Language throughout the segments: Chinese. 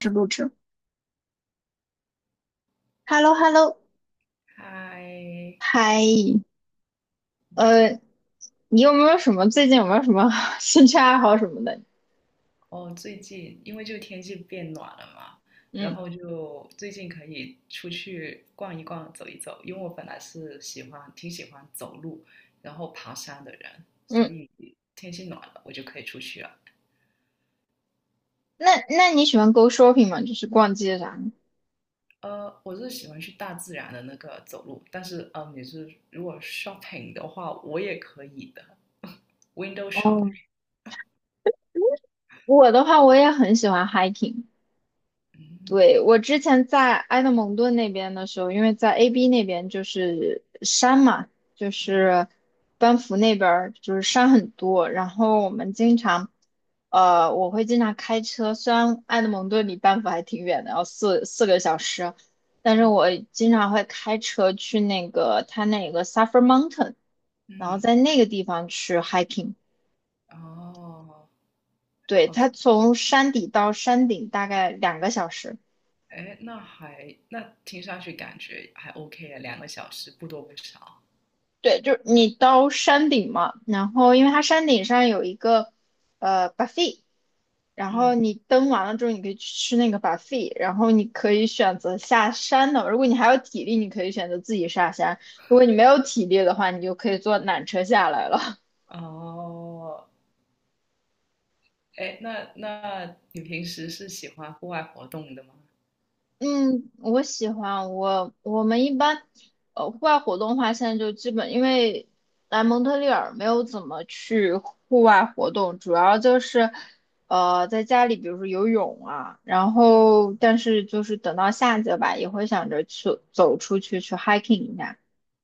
是录制。h e l l o h e l l o 嗨，嗨，对，呃，你有没有什么最近有没有什么 兴趣爱好什么的？哦，最近因为就天气变暖了嘛，然嗯后就最近可以出去逛一逛、走一走，因为我本来是挺喜欢走路，然后爬山的人，所嗯，以天气暖了，我就可以出去了。那你喜欢 go shopping 吗？就是逛街啥的。我是喜欢去大自然的那个走路，但是你是如果 shopping 的话，我也可以的 ，window shop。哦，我的话，我也很喜欢 hiking。对，我之前在埃德蒙顿那边的时候，因为在 AB 那边就是山嘛，就是班夫那边儿就是山很多，然后我会经常开车，虽然埃德蒙顿离班夫还挺远的，要4个小时，但是我经常会开车去那个它那个 Suffer Mountain,然后嗯，在那个地方去 hiking。哦，对，好。它从山底到山顶大概两个小时。哎，那听上去感觉还 OK 啊，2个小时不多不少。对，就是你到山顶嘛，然后因为它山顶上有一个buffet,然后嗯，你登完了之后，你可以去吃那个 buffet,然后你可以选择下山的。如果你还有体力，你可以选择自己下山；如果你没有体力的话，你就可以坐缆车下来了。哦，哎，那你平时是喜欢户外活动的吗？嗯，我喜欢我我们一般，户外活动的话，现在就基本因为来蒙特利尔没有怎么去户外活动，主要就是在家里，比如说游泳啊，然后但是就是等到夏季吧，也会想着去走出去去 hiking 一下。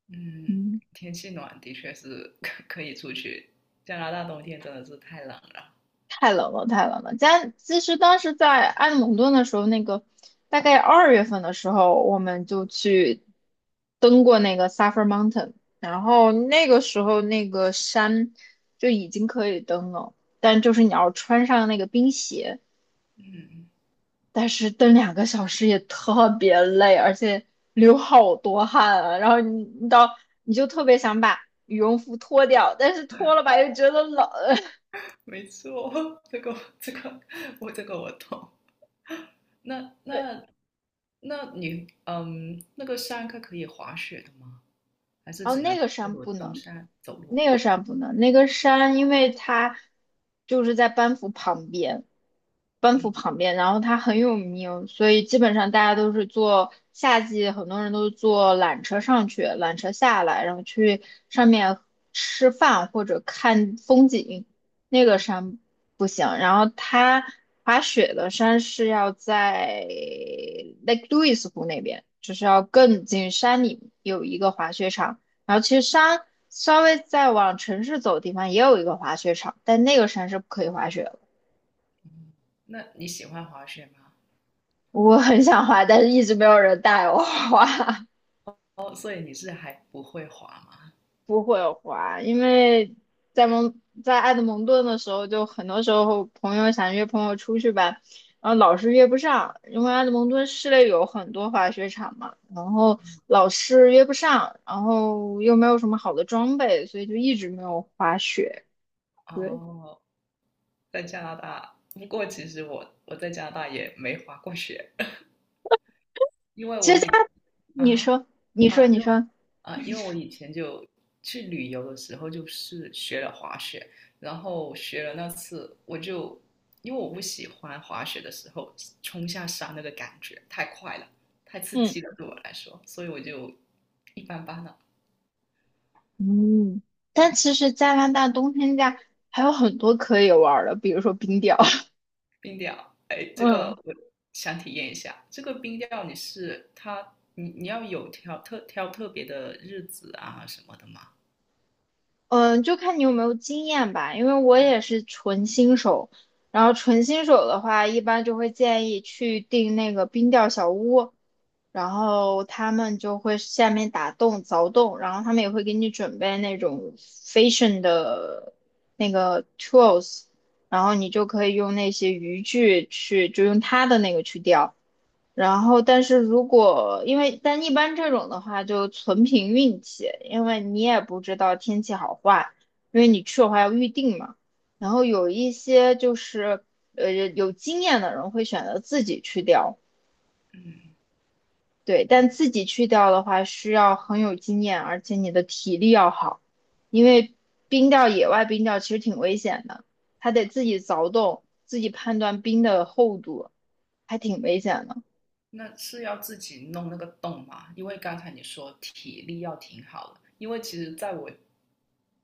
嗯，嗯。天气暖的确是 可以出去。加拿大冬天真的是太冷了。太冷了，太冷了。家其实当时在埃德蒙顿的时候，那个大概2月份的时候，我们就去登过那个 Suffer Mountain,然后那个时候那个山就已经可以登了，但就是你要穿上那个冰鞋，但是登两个小时也特别累，而且流好多汗啊。然后你就特别想把羽绒服脱掉，但是脱了吧又觉得冷。没错，这个这个我这个我懂。那对，那那你那个山它可以滑雪的吗？还是然后只能那个山只不登能。山走路？那个山不能，那个山因为它就是在班夫旁边，班夫嗯。旁边，然后它很有名，所以基本上大家都是坐夏季，很多人都是坐缆车上去，缆车下来，然后去上面吃饭或者看风景。那个山不行，然后它滑雪的山是要在 Lake Louise 湖那边，就是要更进山里有一个滑雪场。然后其实山稍微再往城市走的地方也有一个滑雪场，但那个山是不可以滑雪的。那你喜欢滑雪吗？我很想滑，但是一直没有人带我滑。哦，所以你是还不会滑吗？不会滑，因为在埃德蒙顿的时候，就很多时候朋友想约朋友出去吧，然后老是约不上，因为埃德蒙顿市内有很多滑雪场嘛，然后老是约不上，然后又没有什么好的装备，所以就一直没有滑雪。对。哦，在加拿大，不过其实我在加拿大也没滑过雪，因为其我实以他，啊你哈说，你说，啊，你因为说。因为我以前就去旅游的时候就是学了滑雪，然后学了那次我就因为我不喜欢滑雪的时候冲下山那个感觉太快了，太刺嗯激了对我来说，所以我就一般般了。嗯，但其实加拿大冬天家还有很多可以玩儿的，比如说冰钓。冰钓，哎，这个嗯我想体验一下。这个冰钓你是它，你你要有挑特挑特别的日子啊什么的吗？嗯，就看你有没有经验吧。因为我也是纯新手，然后纯新手的话，一般就会建议去订那个冰钓小屋，然后他们就会下面打洞凿洞，然后他们也会给你准备那种 fishing 的那个 tools,然后你就可以用那些渔具去，就用他的那个去钓。然后，但是如果因为但一般这种的话，就纯凭运气，因为你也不知道天气好坏，因为你去的话要预定嘛。然后有一些就是有经验的人会选择自己去钓。嗯，对，但自己去钓的话需要很有经验，而且你的体力要好，因为冰钓野外冰钓其实挺危险的，还得自己凿洞，自己判断冰的厚度，还挺危险的。那是要自己弄那个洞吗？因为刚才你说体力要挺好的，因为其实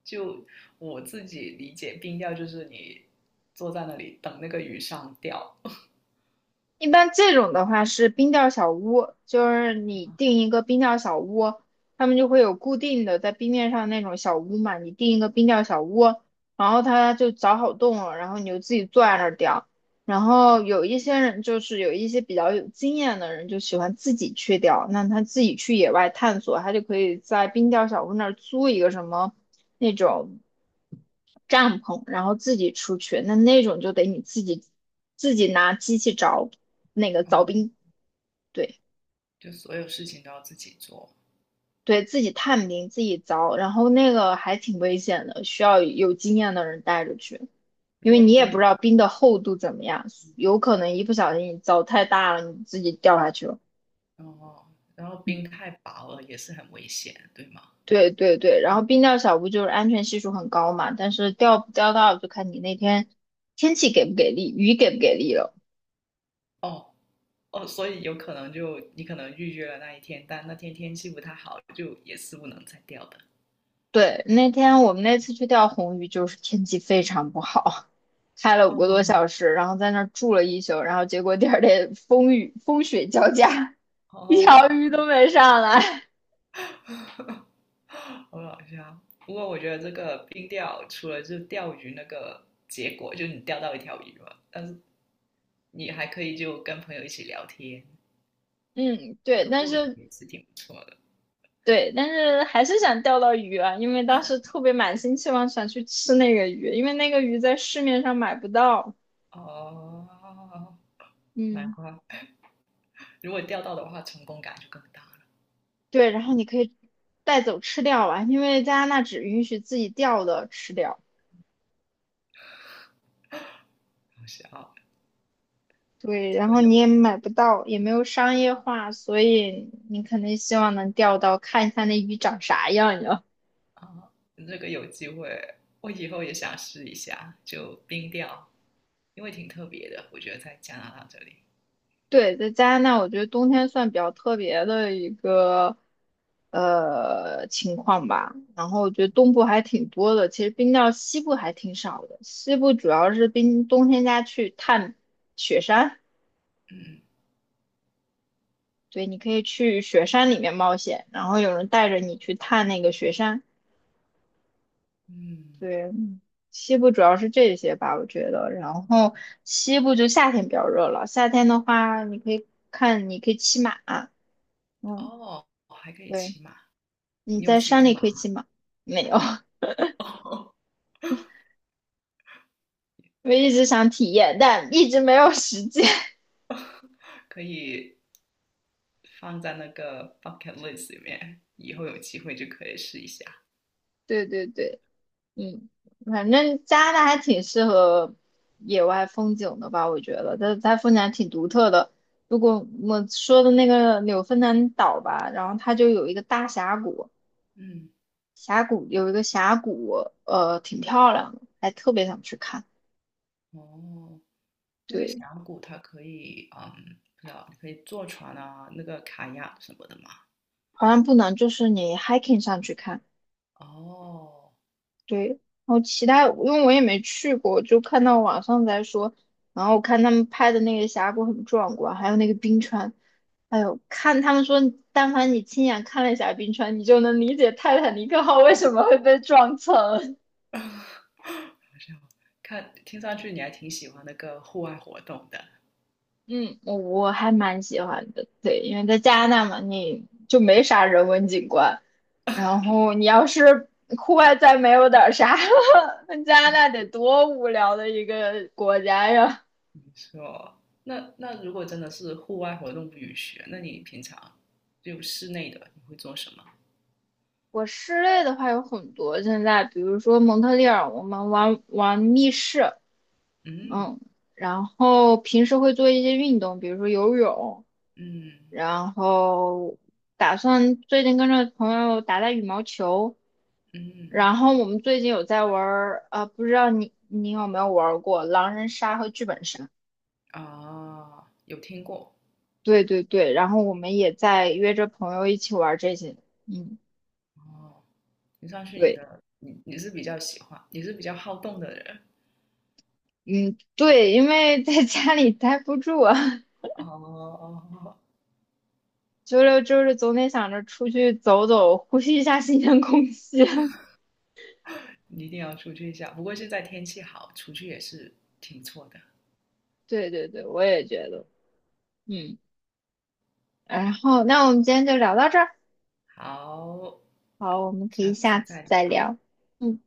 就我自己理解，冰钓就是你坐在那里等那个鱼上钓，一般这种的话是冰钓小屋，就是你订一个冰钓小屋，他们就会有固定的在冰面上那种小屋嘛，你订一个冰钓小屋，然后他就凿好洞了，然后你就自己坐在那儿钓。然后有一些人就是有一些比较有经验的人就喜欢自己去钓，那他自己去野外探索，他就可以在冰钓小屋那儿租一个什么那种。帐篷，然后自己出去，那种就得你自己拿机器凿那个凿嗯，冰。对 就所有事情都要自己做。对，自己探冰，自己凿，然后那个还挺危险的，需要有经验的人带着去，因如为果你也不冰知道冰的厚度怎么样，有可能一不小心你凿太大了，你自己掉下去了。哦，然后冰太薄了也是很危险，对吗？对对对，然后冰钓小屋就是安全系数很高嘛，但是钓不钓到就看你那天天气给不给力，雨给不给力了。哦，哦，所以有可能就你可能预约了那一天，但那天天气不太好，就也是不能再钓的。对，那天我们那次去钓红鱼，就是天气非常不好，开了五个多哦小时，然后在那儿住了一宿，然后结果第二天风雨风雪交加，一条哦，鱼都没上来。好搞笑。不过我觉得这个冰钓除了就钓鱼那个结果，就是你钓到一条鱼嘛，但是你还可以就跟朋友一起聊天，嗯，那对，个但过程是也是挺不错的。对，但是还是想钓到鱼啊，因为当时特别满心期望想去吃那个鱼，因为那个鱼在市面上买不到。哦，难嗯，怪如果钓到的话，成功感就更大了。对，然后你可以带走吃掉啊，因为加拿大只允许自己钓的吃掉。好笑，对，这然个后你有也买不到，也没有商业化，所以你肯定希望能钓到，看一下那鱼长啥样呀。啊，这个有机会，我以后也想试一下，就冰钓。因为挺特别的，我觉得在加拿大这里。对，在加拿大，我觉得冬天算比较特别的一个情况吧。然后我觉得东部还挺多的，其实冰到西部还挺少的。西部主要是冰冬天家去探雪山。嗯对，你可以去雪山里面冒险，然后有人带着你去探那个雪山。嗯，对，西部主要是这些吧，我觉得。然后西部就夏天比较热了，夏天的话，你可以看，你可以骑马。嗯，哦，还可以对，骑马，你你有在骑山过里马可以吗？骑马。没有。哦，我一直想体验，但一直没有时间。可以放在那个 bucket list 里面，以后有机会就可以试一下。对对对。嗯，反正加拿大还挺适合野外风景的吧，我觉得它嗯它风景还挺独特的。如果我说的那个纽芬兰岛吧，然后它就有一个大峡谷。嗯，峡谷有一个峡谷，挺漂亮的，还特别想去看。哦，那个对。峡谷它可以，不知道，可以坐船啊，那个卡亚什么的吗？好像不能，就是你 hiking 上去看。哦，对，然后其他，因为我也没去过，就看到网上在说，然后看他们拍的那个峡谷很壮观，还有那个冰川。哎呦，看他们说，但凡你亲眼看了一下冰川，你就能理解泰坦尼克号为什么会被撞沉。看，听上去你还挺喜欢那个户外活动的。我还蛮喜欢的。对，因为在加拿大嘛，你就没啥人文景观。然后你要是户外再没有点啥，那加拿大得多无聊的一个国家呀！是哦，那如果真的是户外活动不允许，那你平常就室内的你会做什么？我室内的话有很多，现在比如说蒙特利尔，我们玩玩密室。嗯嗯，然后平时会做一些运动，比如说游泳，嗯然后打算最近跟着朋友打打羽毛球，嗯，然后我们最近有在玩儿，不知道你有没有玩过狼人杀和剧本杀？啊，有听过对对对，然后我们也在约着朋友一起玩这些。嗯，哦。你上去你对，的，你是比较好动的人嗯，对，因为在家里待不住啊。哦。周六周日总得想着出去走走，呼吸一下新鲜空气。你一定要出去一下。不过现在天气好，出去也是挺错的。对对对，我也觉得。嗯，然后那我们今天就聊到这儿。好，好，我们可下以次下次再再聊。聊。嗯。